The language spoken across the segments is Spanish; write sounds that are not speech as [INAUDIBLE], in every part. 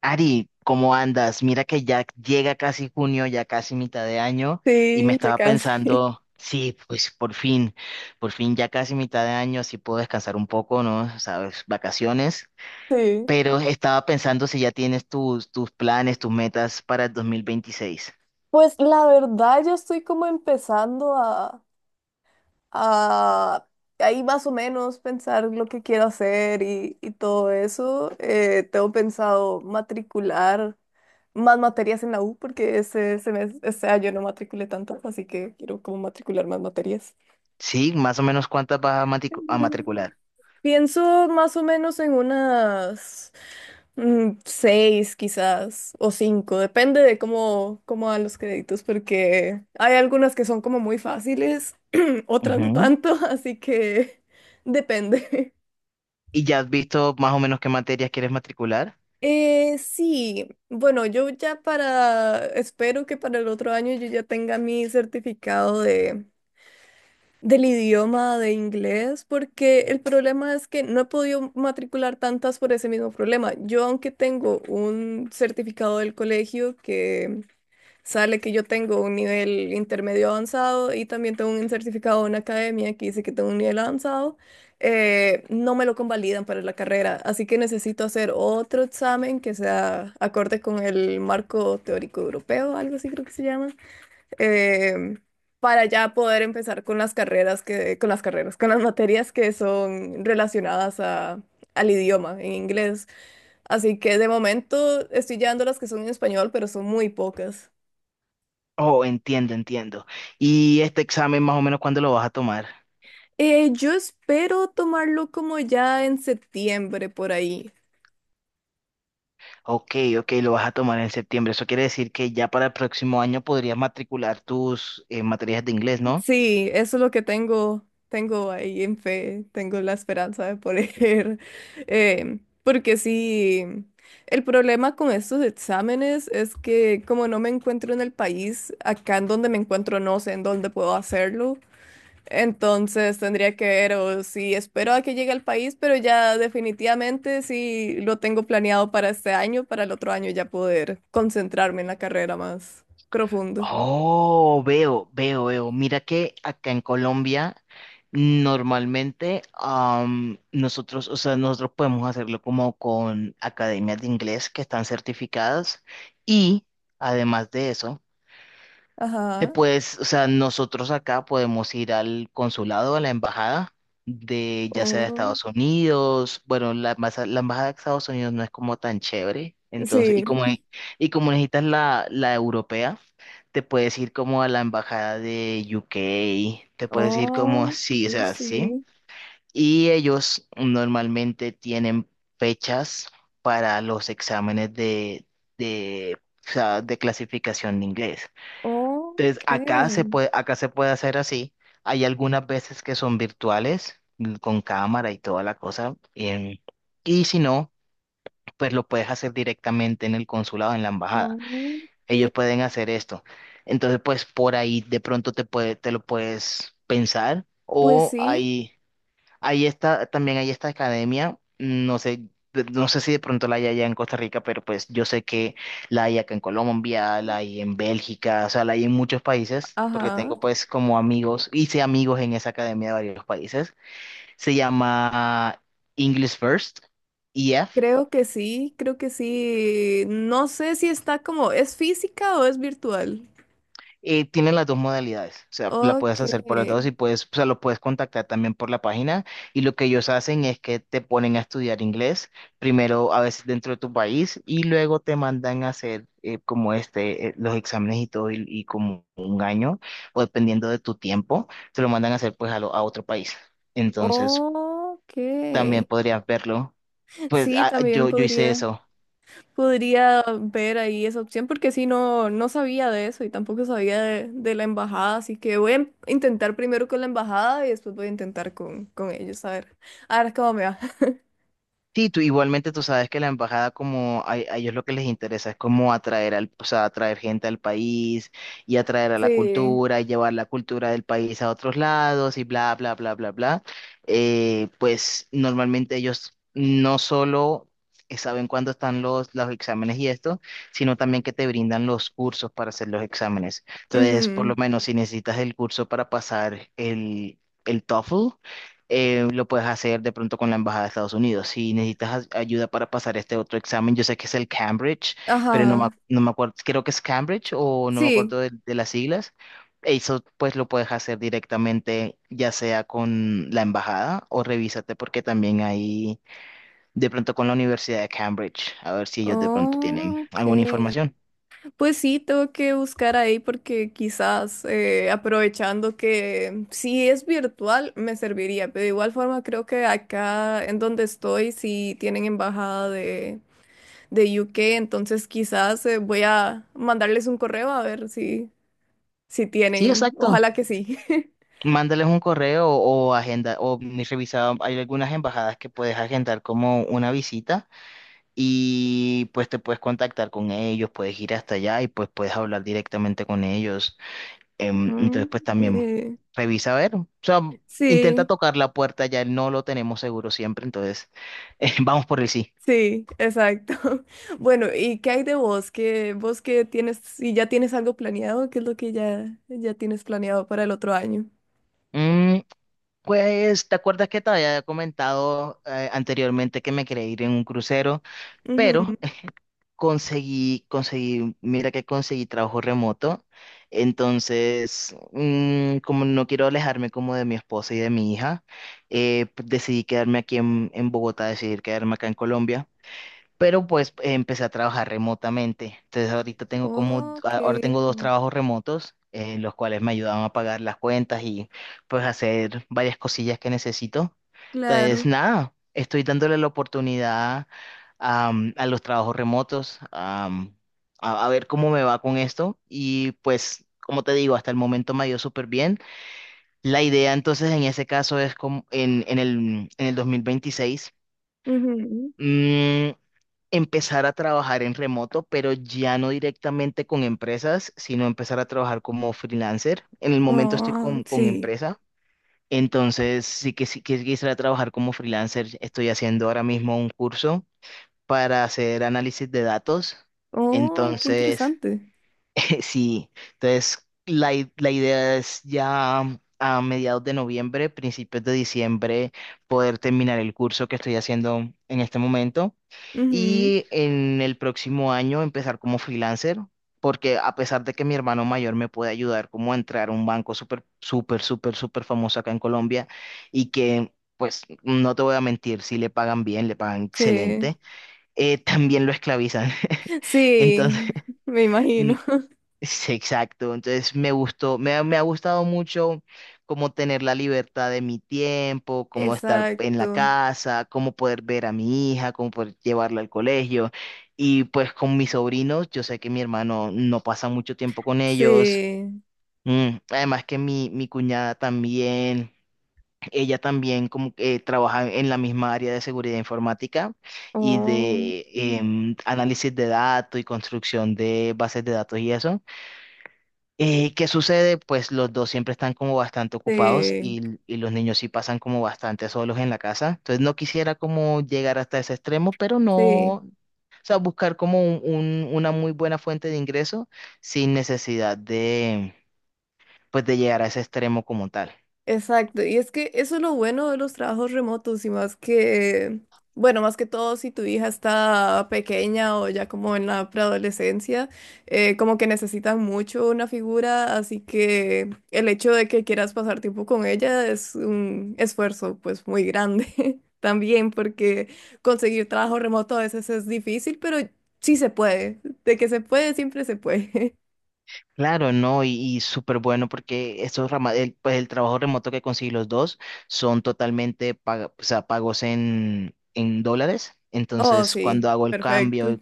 Ari, ¿cómo andas? Mira que ya llega casi junio, ya casi mitad de año, y me Sí, ya estaba casi. pensando, [LAUGHS] sí, pues por fin ya casi mitad de año, así puedo descansar un poco, ¿no? Sabes, vacaciones, Sí. pero estaba pensando si ya tienes tus planes, tus metas para el 2026. Pues la verdad, yo estoy como empezando a ahí más o menos pensar lo que quiero hacer y todo eso. Tengo pensado matricular más materias en la U porque este año no matriculé tantas, así que quiero como matricular más materias. Sí, más o menos cuántas vas a, a Mm, matricular. Pienso más o menos en seis quizás, o cinco, depende de cómo dan los créditos, porque hay algunas que son como muy fáciles, [CLEARS THROAT] otras no Ujú. tanto, así que [LAUGHS] depende. ¿Y ya has visto más o menos qué materias quieres matricular? Sí, bueno, espero que para el otro año yo ya tenga mi certificado del idioma de inglés, porque el problema es que no he podido matricular tantas por ese mismo problema. Yo, aunque tengo un certificado del colegio que sale que yo tengo un nivel intermedio avanzado y también tengo un certificado en academia que dice que tengo un nivel avanzado. No me lo convalidan para la carrera, así que necesito hacer otro examen que sea acorde con el marco teórico europeo, algo así creo que se llama, em, para ya poder empezar con las carreras que, con las carreras, con las materias que son relacionadas al idioma en inglés. Así que de momento estoy llevando las que son en español, pero son muy pocas. Oh, entiendo, entiendo. ¿Y este examen más o menos cuándo lo vas a tomar? Yo espero tomarlo como ya en septiembre por ahí. Ok, ok, lo vas a tomar en septiembre. Eso quiere decir que ya para el próximo año podrías matricular tus materias de inglés, ¿no? Sí, eso es lo que tengo, tengo ahí en fe, tengo la esperanza de poder. [LAUGHS] Porque sí, el problema con estos exámenes es que como no me encuentro en el país, acá en donde me encuentro no sé en dónde puedo hacerlo. Entonces tendría que ver o si espero a que llegue al país, pero ya definitivamente sí lo tengo planeado para este año, para el otro año ya poder concentrarme en la carrera más profunda. Oh, veo, veo, veo. Mira que acá en Colombia normalmente nosotros, o sea, nosotros podemos hacerlo como con academias de inglés que están certificadas y además de eso. Te Ajá. puedes, o sea, nosotros acá podemos ir al consulado, a la embajada de ya sea de Oh, Estados Unidos, bueno, la, la embajada de Estados Unidos no es como tan chévere, entonces, y sí. como, y como necesitas la, la europea, te puedes ir como a la embajada de UK, te puedes ir como, Oh, sí, o sí, sea, sí, sí. y ellos normalmente tienen fechas para los exámenes de, o sea, de clasificación de inglés. Entonces, Ok. Acá se puede hacer así. Hay algunas veces que son virtuales, mm, con cámara y toda la cosa. Y si no, pues lo puedes hacer directamente en el consulado, en la embajada. Ok. Ellos pueden hacer esto. Entonces, pues por ahí de pronto te puede, te lo puedes pensar. Pues O sí, hay, ahí está, también hay esta academia, no sé, no sé si de pronto la hay allá en Costa Rica, pero pues yo sé que la hay acá en Colombia, la hay en Bélgica, o sea, la hay en muchos países, porque ajá. tengo pues como amigos, hice amigos en esa academia de varios países. Se llama English First, EF. Creo que sí, creo que sí. No sé si está como, ¿es física o es virtual? Tienen las dos modalidades, o sea, la puedes Ok. hacer por las dos y puedes, o sea, lo puedes contactar también por la página y lo que ellos hacen es que te ponen a estudiar inglés, primero a veces dentro de tu país y luego te mandan a hacer como este, los exámenes y todo y como un año o dependiendo de tu tiempo, te lo mandan a hacer pues a, a otro país. Entonces, Ok. también podrías verlo. Pues Sí, también yo hice eso. podría ver ahí esa opción porque sí, no, no sabía de eso y tampoco sabía de la embajada, así que voy a intentar primero con la embajada y después voy a intentar con ellos, a ver cómo me va. [LAUGHS] Sí, tú igualmente tú sabes que la embajada como a ellos lo que les interesa es como atraer al, o sea, atraer gente al país y atraer a la Sí. cultura y llevar la cultura del país a otros lados y bla, bla, bla, bla, bla. Pues normalmente ellos no solo saben cuándo están los exámenes y esto, sino también que te brindan los cursos para hacer los exámenes. Entonces, por Ujú. lo menos si necesitas el curso para pasar el TOEFL, lo puedes hacer de pronto con la Embajada de Estados Unidos. Si necesitas ayuda para pasar este otro examen, yo sé que es el Cambridge, pero no me, Ajá. No me acuerdo, creo que es Cambridge o no me Sí. acuerdo de las siglas. Eso pues lo puedes hacer directamente ya sea con la embajada o revísate porque también hay de pronto con la Universidad de Cambridge, a ver si ellos de pronto tienen Ok. alguna información. Pues sí, tengo que buscar ahí porque quizás aprovechando que si es virtual me serviría, pero de igual forma creo que acá en donde estoy sí tienen embajada de UK, entonces quizás voy a mandarles un correo a ver si, si Sí, tienen, exacto. ojalá que sí. [LAUGHS] Mándales un correo o agenda, o ni revisado, hay algunas embajadas que puedes agendar como una visita y pues te puedes contactar con ellos, puedes ir hasta allá y pues puedes hablar directamente con ellos. Entonces Mm, pues también Eh, revisa a ver, o sea, intenta sí. tocar la puerta, ya no lo tenemos seguro siempre, entonces [LAUGHS] vamos por el sí. Sí, exacto. [LAUGHS] Bueno, ¿y qué hay de vos? ¿Vos qué tienes, si ya tienes algo planeado, qué es lo que ya tienes planeado para el otro año? Mm, pues, ¿te acuerdas que te había comentado anteriormente que me quería ir en un crucero? Pero Ujú. conseguí, mira que conseguí trabajo remoto, entonces, mm, como no quiero alejarme como de mi esposa y de mi hija, decidí quedarme en Bogotá, decidí quedarme acá en Colombia. Pero pues empecé a trabajar remotamente. Entonces ahorita tengo como, Ok, ahora tengo dos trabajos remotos, los cuales me ayudaban a pagar las cuentas y pues hacer varias cosillas que necesito. Entonces claro. nada, estoy dándole la oportunidad a los trabajos remotos, a ver cómo me va con esto. Y pues, como te digo, hasta el momento me ha ido súper bien. La idea entonces en ese caso es como en el 2026 Ujú. empezar a trabajar en remoto, pero ya no directamente con empresas, sino empezar a trabajar como freelancer. En el momento estoy Oh, con sí. empresa, entonces sí que quisiera trabajar como freelancer. Estoy haciendo ahora mismo un curso para hacer análisis de datos. Oh, qué Entonces, interesante. [LAUGHS] sí, entonces la idea es ya a mediados de noviembre, principios de diciembre, poder terminar el curso que estoy haciendo en este momento Ujú. y en el próximo año empezar como freelancer, porque a pesar de que mi hermano mayor me puede ayudar como a entrar a un banco súper, súper, súper, súper famoso acá en Colombia y que, pues, no te voy a mentir, si le pagan bien, le pagan Sí. excelente, también lo esclavizan. [LAUGHS] Entonces, Sí, me imagino. [LAUGHS] sí, exacto. Entonces me gustó, me ha gustado mucho como tener la libertad de mi tiempo, como estar en la Exacto. casa, como poder ver a mi hija, como poder llevarla al colegio. Y pues con mis sobrinos, yo sé que mi hermano no pasa mucho tiempo con ellos. Sí. Mm, además que mi cuñada también, ella también como que trabaja en la misma área de seguridad informática y Oh, de análisis de datos y construcción de bases de datos y eso. ¿Qué sucede? Pues los dos siempre están como bastante ocupados sí, y los niños sí pasan como bastante solos en la casa. Entonces no quisiera como llegar hasta ese extremo, pero no, sí. o sea, buscar como una muy buena fuente de ingreso sin necesidad de, pues de llegar a ese extremo como tal. Exacto, y es que eso es lo bueno de los trabajos remotos y más bueno, más que todo si tu hija está pequeña o ya como en la preadolescencia, como que necesitan mucho una figura, así que el hecho de que quieras pasar tiempo con ella es un esfuerzo pues muy grande [LAUGHS] también, porque conseguir trabajo remoto a veces es difícil, pero sí se puede, de que se puede, siempre se puede. [LAUGHS] Claro, no, y súper bueno porque el, pues el trabajo remoto que conseguí los dos son totalmente o sea, pagos en dólares. Oh, Entonces, cuando sí, hago el perfecto. cambio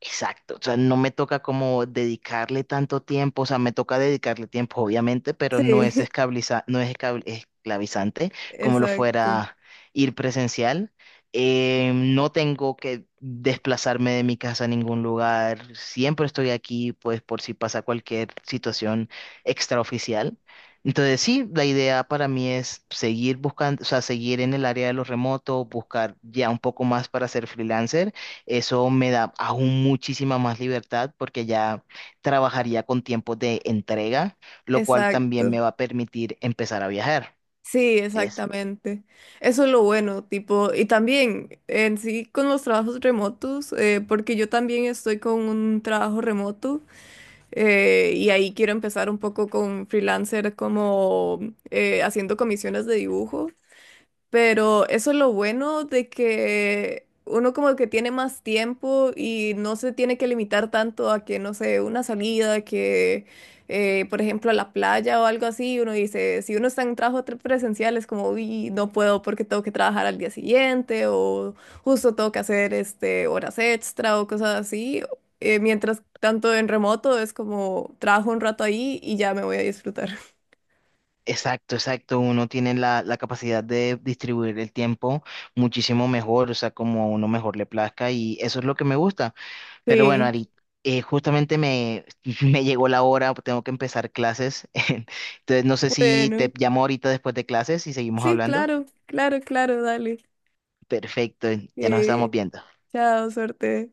exacto, o sea, no me toca como dedicarle tanto tiempo, o sea, me toca dedicarle tiempo, obviamente, pero no es Sí, esclavizante [LAUGHS] como lo exacto. fuera ir presencial. No tengo que desplazarme de mi casa a ningún lugar, siempre estoy aquí, pues por si pasa cualquier situación extraoficial. Entonces, sí, la idea para mí es seguir buscando, o sea, seguir en el área de lo remoto, buscar ya un poco más para ser freelancer, eso me da aún muchísima más libertad porque ya trabajaría con tiempos de entrega, lo cual también Exacto. me va a permitir empezar a viajar. Sí, Es exactamente. Eso es lo bueno, tipo, y también en sí con los trabajos remotos, porque yo también estoy con un trabajo remoto y ahí quiero empezar un poco con freelancer como haciendo comisiones de dibujo. Pero eso es lo bueno de que uno como que tiene más tiempo y no se tiene que limitar tanto a que, no sé, una salida, que por ejemplo a la playa o algo así, uno dice, si uno está en trabajo presencial es como, uy, no puedo porque tengo que trabajar al día siguiente o justo tengo que hacer este, horas extra o cosas así. Mientras tanto en remoto es como trabajo un rato ahí y ya me voy a disfrutar. [LAUGHS] exacto, exacto. Uno tiene la capacidad de distribuir el tiempo muchísimo mejor, o sea, como a uno mejor le plazca y eso es lo que me gusta. Pero bueno, Sí, Ari, justamente me, [LAUGHS] me llegó la hora, tengo que empezar clases. [LAUGHS] Entonces, no sé si te bueno. llamo ahorita después de clases y seguimos Sí, hablando. claro, claro, claro, dale. Perfecto, ya nos estamos Eh, viendo. Chao, suerte.